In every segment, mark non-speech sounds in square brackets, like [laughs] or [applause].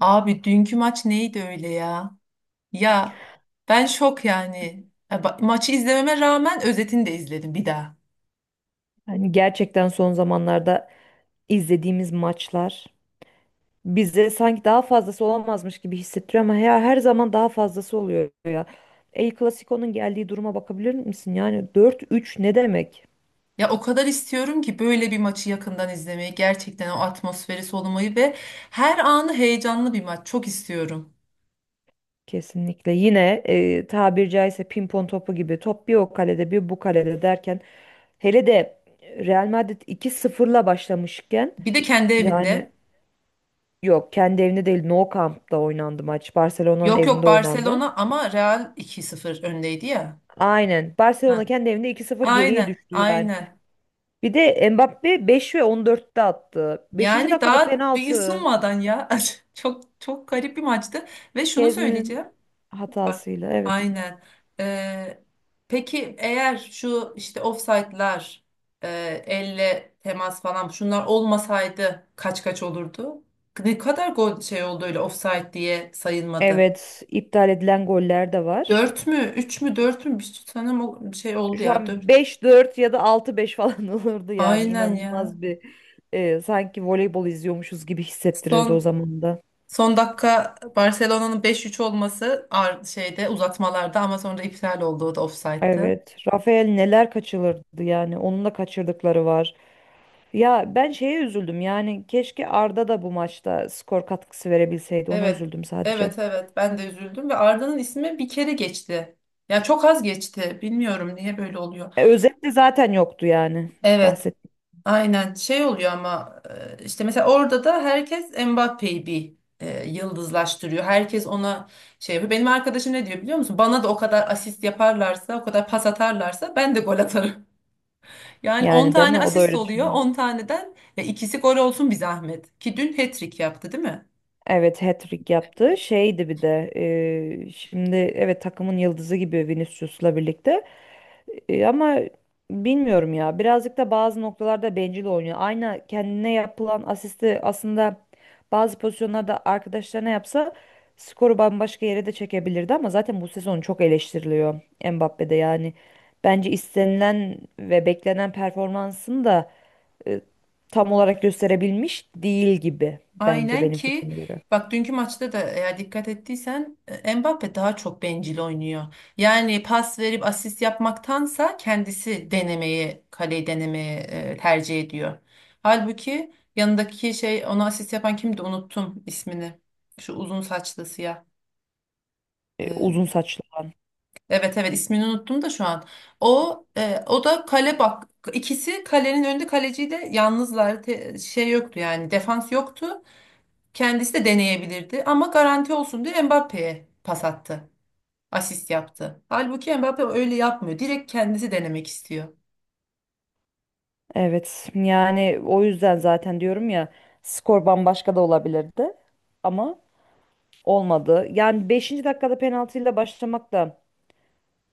Abi dünkü maç neydi öyle ya? Ya ben şok yani. Ya maçı izlememe rağmen özetini de izledim bir daha. Hani gerçekten son zamanlarda izlediğimiz maçlar bize sanki daha fazlası olamazmış gibi hissettiriyor ama ya her zaman daha fazlası oluyor ya. El Clasico'nun geldiği duruma bakabilir misin? Yani dört üç ne demek? Ya o kadar istiyorum ki böyle bir maçı yakından izlemeyi, gerçekten o atmosferi solumayı ve her anı heyecanlı bir maç çok istiyorum. Kesinlikle. Yine tabiri caizse pimpon topu gibi top bir o kalede bir bu kalede derken hele de Real Madrid iki sıfırla başlamışken Bir de kendi yani evinde. yok, kendi evinde değil, Nou Camp'ta oynandı maç. Barcelona'nın Yok yok evinde oynandı. Barcelona ama Real 2-0 öndeydi ya. Aynen. Ha, Barcelona kendi evinde 2-0 geriye aynen düştü yani. aynen. Bir de Mbappe 5 ve 14'te attı. 5. Yani dakikada daha bir penaltı. ısınmadan ya. [laughs] Çok çok garip bir maçtı. Ve şunu Şezni'nin söyleyeceğim. Bak hatasıyla. Evet. aynen. Ee, peki eğer şu işte ofsaytlar, e, elle temas falan şunlar olmasaydı kaç kaç olurdu? Ne kadar gol şey oldu öyle ofsayt diye sayılmadı. Evet, iptal edilen goller de var. 4 mü? Üç mü? Dört mü? Bir sanırım o şey oldu Şu ya. an Dört. 5-4 ya da 6-5 falan [laughs] olurdu yani. Aynen ya. İnanılmaz bir, sanki voleybol izliyormuşuz gibi hissettirirdi o Son zaman da. son dakika Barcelona'nın 5-3 olması şeyde, uzatmalarda, ama sonra iptal oldu. O da ofsayttı. Evet. Rafael neler kaçırırdı yani. Onun da kaçırdıkları var. Ya ben şeye üzüldüm yani, keşke Arda da bu maçta skor katkısı verebilseydi. Ona Evet. üzüldüm Evet sadece. evet, ben de üzüldüm ve Arda'nın ismi bir kere geçti. Ya çok az geçti. Bilmiyorum niye böyle oluyor. Özet de zaten yoktu yani, Evet. bahsettim. Aynen şey oluyor ama işte mesela orada da herkes Mbappé'yi bir yıldızlaştırıyor. Herkes ona şey yapıyor. Benim arkadaşım ne diyor biliyor musun? Bana da o kadar asist yaparlarsa, o kadar pas atarlarsa ben de gol atarım. Yani 10 Yani değil tane mi? O da asist öyle oluyor. düşünüyor. 10 taneden ya ikisi gol olsun bir zahmet. Ki dün hat-trick yaptı değil mi? Evet, hat-trick yaptı. Şeydi bir de şimdi evet takımın yıldızı gibi Vinicius'la birlikte. Ama bilmiyorum ya. Birazcık da bazı noktalarda bencil oynuyor. Aynı kendine yapılan asisti aslında bazı pozisyonlarda arkadaşlarına yapsa skoru bambaşka yere de çekebilirdi ama zaten bu sezon çok eleştiriliyor Mbappe'de yani. Bence istenilen ve beklenen performansını da e, tam olarak gösterebilmiş değil gibi, bence Aynen, benim ki fikrime göre. bak, dünkü maçta da eğer dikkat ettiysen Mbappe daha çok bencil oynuyor. Yani pas verip asist yapmaktansa kendisi denemeyi, kaleyi denemeyi tercih ediyor. Halbuki yanındaki şey, ona asist yapan kimdi unuttum ismini. Şu uzun saçlı siyah. E, Uzun saçlı. Evet evet, ismini unuttum da şu an. O da kale, bak, ikisi kalenin önünde kaleciyi de yalnızlar. Şey yoktu yani, defans yoktu. Kendisi de deneyebilirdi ama garanti olsun diye Mbappe'ye pas attı. Asist yaptı. Halbuki Mbappe öyle yapmıyor. Direkt kendisi denemek istiyor. Evet yani o yüzden zaten diyorum ya, skor bambaşka da olabilirdi ama olmadı. Yani beşinci dakikada penaltıyla başlamak da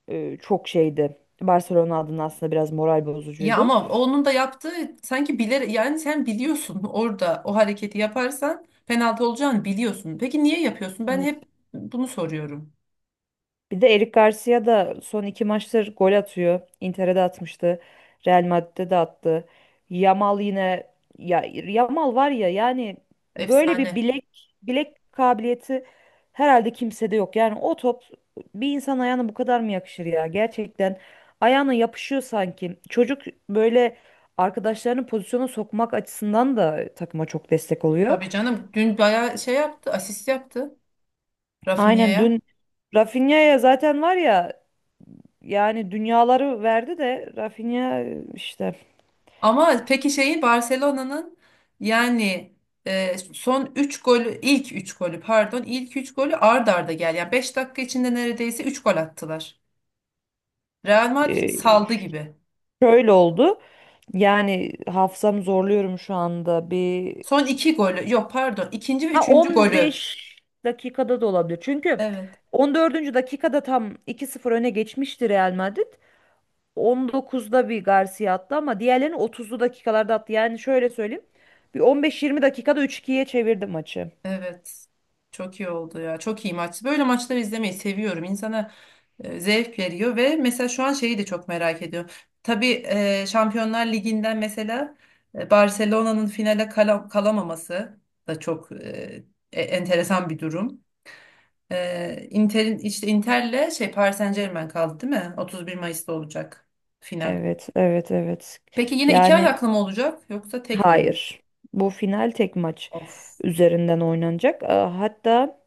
çok şeydi. Barcelona adına aslında biraz moral Ya bozucuydu. ama onun da yaptığı sanki bilerek. Yani sen biliyorsun [laughs] orada o hareketi yaparsan penaltı olacağını biliyorsun. Peki niye yapıyorsun? Ben hep bunu soruyorum. Bir de Eric Garcia da son iki maçtır gol atıyor. Inter'e de atmıştı. Real Madrid'de de attı. Yamal yine, ya Yamal var ya yani, böyle bir Efsane. bilek, bilek kabiliyeti herhalde kimsede yok. Yani o top bir insan ayağına bu kadar mı yakışır ya? Gerçekten ayağına yapışıyor sanki. Çocuk böyle arkadaşlarını pozisyona sokmak açısından da takıma çok destek oluyor. Tabii canım, dün bayağı şey yaptı, asist yaptı Aynen Rafinha'ya. dün Rafinha'ya zaten, var ya, yani dünyaları verdi de Rafinha Ama peki şeyi Barcelona'nın, yani son 3 golü, ilk 3 golü pardon, ilk 3 golü ard arda gel. Yani 5 dakika içinde neredeyse 3 gol attılar. Real Madrid e, saldı gibi. şöyle oldu. Yani hafızamı zorluyorum şu anda. Bir Son iki golü, yok pardon, ikinci ve ha üçüncü golü. 15 dakikada da olabilir. Çünkü Evet. 14. dakikada tam iki sıfır öne geçmişti Real Madrid. 19'da bir Garcia attı ama diğerlerini 30'lu dakikalarda attı. Yani şöyle söyleyeyim. Bir 15-20 dakikada 3-2'ye çevirdi maçı. Evet. Çok iyi oldu ya. Çok iyi maç. Böyle maçları izlemeyi seviyorum. İnsana zevk veriyor. Ve mesela şu an şeyi de çok merak ediyorum. Tabii Şampiyonlar Ligi'nden mesela Barcelona'nın finale kalamaması da çok enteresan bir durum. Inter'in, işte Inter'le şey Paris Saint-Germain kaldı değil mi? 31 Mayıs'ta olacak final. Evet, evet, evet. Peki yine iki Yani ayaklı mı olacak yoksa tek oyun? hayır. Bu final tek maç Of, üzerinden oynanacak. Aa, hatta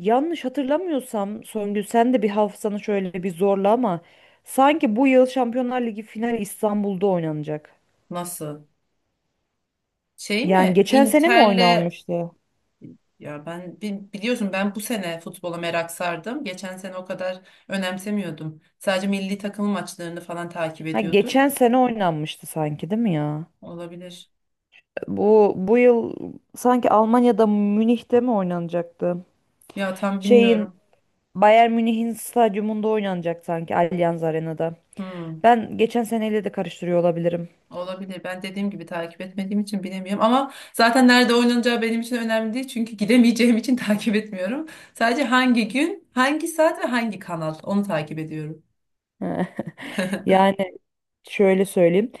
yanlış hatırlamıyorsam Songül, sen de bir hafızanı şöyle bir zorla ama sanki bu yıl Şampiyonlar Ligi finali İstanbul'da oynanacak. nasıl? Şey Yani mi? geçen sene mi Inter'le. oynanmıştı? Ya ben biliyorsun, ben bu sene futbola merak sardım. Geçen sene o kadar önemsemiyordum. Sadece milli takım maçlarını falan takip Ha ediyordum. geçen sene oynanmıştı sanki, değil mi ya? Olabilir. Bu yıl sanki Almanya'da, Münih'te mi oynanacaktı? Ya tam Şeyin, bilmiyorum. Bayern Münih'in stadyumunda oynanacak sanki, Allianz Arena'da. Hmm, Ben geçen seneyle de karıştırıyor olabilirim. olabilir. Ben dediğim gibi takip etmediğim için bilemiyorum. Ama zaten nerede oynanacağı benim için önemli değil. Çünkü gidemeyeceğim için [laughs] takip etmiyorum. Sadece hangi gün, hangi saat ve hangi kanal, onu takip ediyorum. [laughs] Yani şöyle söyleyeyim.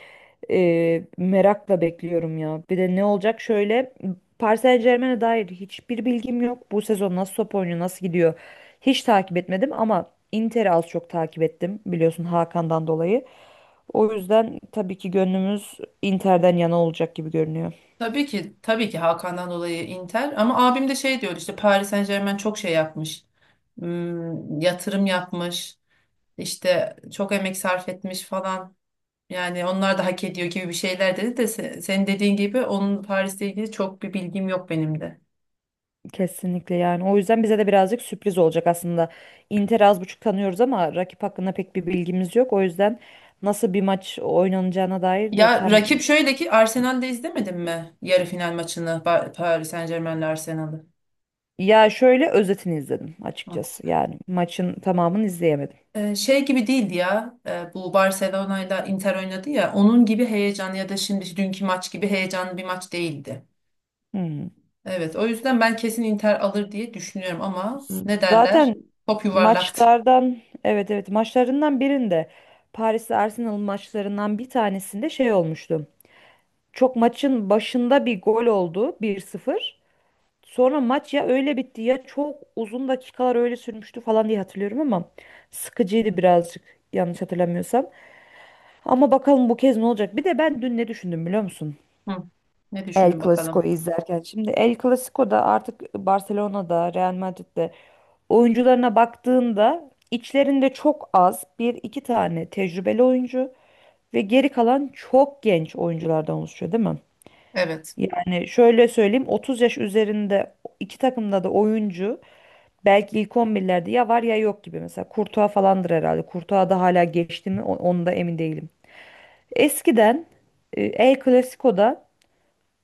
Merakla bekliyorum ya. Bir de ne olacak şöyle. Paris Saint-Germain'e dair hiçbir bilgim yok. Bu sezon nasıl top oynuyor, nasıl gidiyor hiç takip etmedim ama Inter'i az çok takip ettim biliyorsun Hakan'dan dolayı. O yüzden tabii ki gönlümüz Inter'den yana olacak gibi görünüyor. Tabii ki, tabii ki Hakan'dan dolayı Inter, ama abim de şey diyor, işte Paris Saint-Germain çok şey yapmış. Yatırım yapmış. İşte çok emek sarf etmiş falan. Yani onlar da hak ediyor gibi bir şeyler dedi de senin dediğin gibi onun Paris'le ilgili çok bir bilgim yok benim de. Kesinlikle yani. O yüzden bize de birazcık sürpriz olacak aslında. Inter'i az buçuk tanıyoruz ama rakip hakkında pek bir bilgimiz yok. O yüzden nasıl bir maç oynanacağına dair de Ya tam, rakip, şöyle ki, Arsenal'de izlemedin mi yarı final maçını, Paris Saint-Germain'le Arsenal'ı? ya şöyle özetini izledim açıkçası. Yani maçın tamamını izleyemedim. Şey gibi değildi ya. Bu Barcelona'yla Inter oynadı ya, onun gibi heyecanlı ya da şimdi dünkü maç gibi heyecanlı bir maç değildi. Hmm. Evet, o yüzden ben kesin Inter alır diye düşünüyorum ama ne derler? Zaten Top yuvarlaktı. maçlardan, evet, evet, maçlarından birinde, Paris'le Arsenal maçlarından bir tanesinde şey olmuştu. Çok maçın başında bir gol oldu, bir sıfır. Sonra maç ya öyle bitti ya çok uzun dakikalar öyle sürmüştü falan diye hatırlıyorum ama sıkıcıydı birazcık, yanlış hatırlamıyorsam. Ama bakalım bu kez ne olacak? Bir de ben dün ne düşündüm biliyor musun? Hı. Ne El düşündün bakalım? Clasico'yu izlerken. Şimdi El Clasico'da artık Barcelona'da, Real Madrid'de oyuncularına baktığında içlerinde çok az, bir iki tane tecrübeli oyuncu ve geri kalan çok genç oyunculardan oluşuyor, değil mi? Evet, Yani şöyle söyleyeyim, 30 yaş üzerinde iki takımda da oyuncu belki ilk 11'lerde ya var ya yok gibi, mesela Courtois falandır herhalde. Courtois da hala geçti mi onu da emin değilim. Eskiden El Clasico'da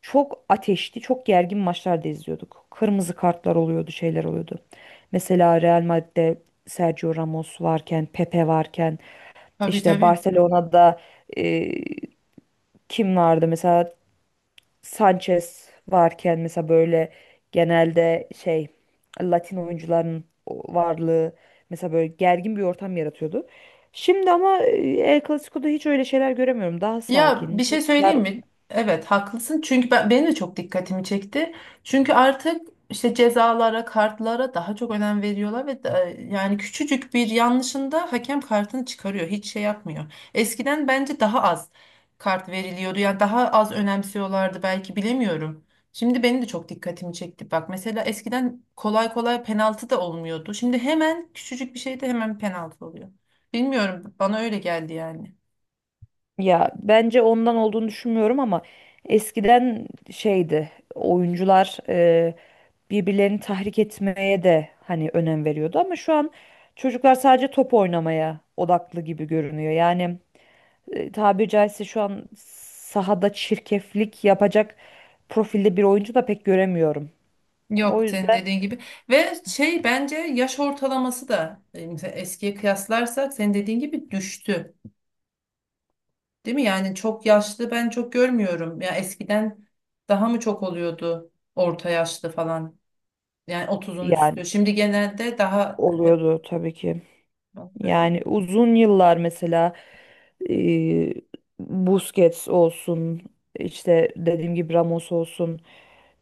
çok ateşli, çok gergin maçlar da izliyorduk. Kırmızı kartlar oluyordu, şeyler oluyordu. Mesela Real Madrid'de Sergio Ramos varken, Pepe varken, tabii işte tabii. Barcelona'da e, kim vardı? Mesela Sanchez varken, mesela böyle genelde şey, Latin oyuncuların varlığı mesela böyle gergin bir ortam yaratıyordu. Şimdi ama El Clasico'da hiç öyle şeyler göremiyorum. Daha Ya sakin. bir şey Çocuklar, söyleyeyim mi? Evet haklısın. Çünkü ben, benim de çok dikkatimi çekti. Çünkü artık işte cezalara, kartlara daha çok önem veriyorlar ve yani küçücük bir yanlışında hakem kartını çıkarıyor. Hiç şey yapmıyor. Eskiden bence daha az kart veriliyordu. Yani daha az önemsiyorlardı belki, bilemiyorum. Şimdi benim de çok dikkatimi çekti. Bak mesela eskiden kolay kolay penaltı da olmuyordu. Şimdi hemen küçücük bir şeyde hemen penaltı oluyor. Bilmiyorum, bana öyle geldi yani. ya bence ondan olduğunu düşünmüyorum ama eskiden şeydi, oyuncular birbirlerini tahrik etmeye de hani önem veriyordu ama şu an çocuklar sadece top oynamaya odaklı gibi görünüyor. Yani tabiri caizse şu an sahada çirkeflik yapacak profilde bir oyuncu da pek göremiyorum. O Yok, senin yüzden dediğin gibi ve şey, bence yaş ortalaması da mesela eskiye kıyaslarsak senin dediğin gibi düştü. Değil mi? Yani çok yaşlı ben çok görmüyorum. Ya eskiden daha mı çok oluyordu orta yaşlı falan. Yani 30'un üstü. yani Şimdi genelde daha hep oluyordu tabii ki. bana böyle Yani geldi. uzun yıllar mesela e, Busquets olsun, işte dediğim gibi Ramos olsun,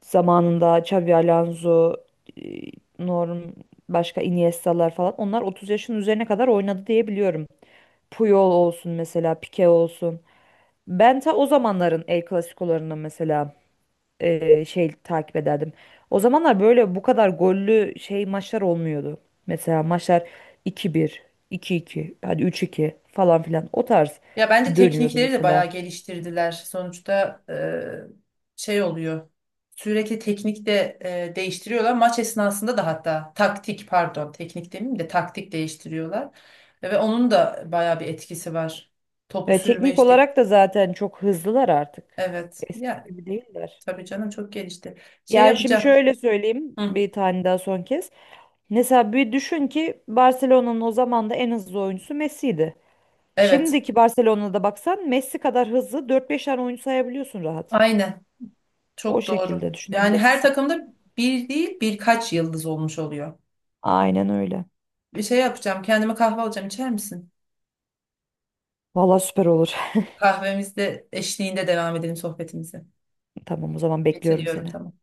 zamanında Xabi Alonso, e, Norm, başka Iniesta'lar falan, onlar 30 yaşın üzerine kadar oynadı diye biliyorum. Puyol olsun mesela, Pique olsun. Ben ta o zamanların El Clasico'larını mesela şey takip ederdim. O zamanlar böyle bu kadar gollü şey maçlar olmuyordu. Mesela maçlar iki bir, iki iki, hadi üç iki falan filan o tarz Ya bence dönüyordu teknikleri de mesela. bayağı geliştirdiler. Sonuçta şey oluyor. Sürekli teknik de değiştiriyorlar. Maç esnasında da hatta taktik, pardon teknik demeyeyim de taktik değiştiriyorlar. Ve onun da bayağı bir etkisi var. Topu Ve sürme teknik işte. olarak da zaten çok hızlılar artık. Evet. Eskisi Ya gibi değiller. tabii canım, çok gelişti. Şey Yani şimdi yapacağım. şöyle söyleyeyim Hı, bir tane daha, son kez. Mesela bir düşün ki Barcelona'nın o zaman da en hızlı oyuncusu Messi'ydi. evet. Şimdiki Barcelona'da baksan Messi kadar hızlı dört 5 tane oyuncu sayabiliyorsun rahat. Aynen. O Çok doğru. şekilde Yani her düşünebilirsin. takımda bir değil, birkaç yıldız olmuş oluyor. Aynen öyle. Bir şey yapacağım. Kendime kahve alacağım. İçer misin? Vallahi süper olur. [laughs] Kahvemizde eşliğinde devam edelim sohbetimizi. Tamam, o zaman bekliyorum Bitiriyorum, seni. tamam.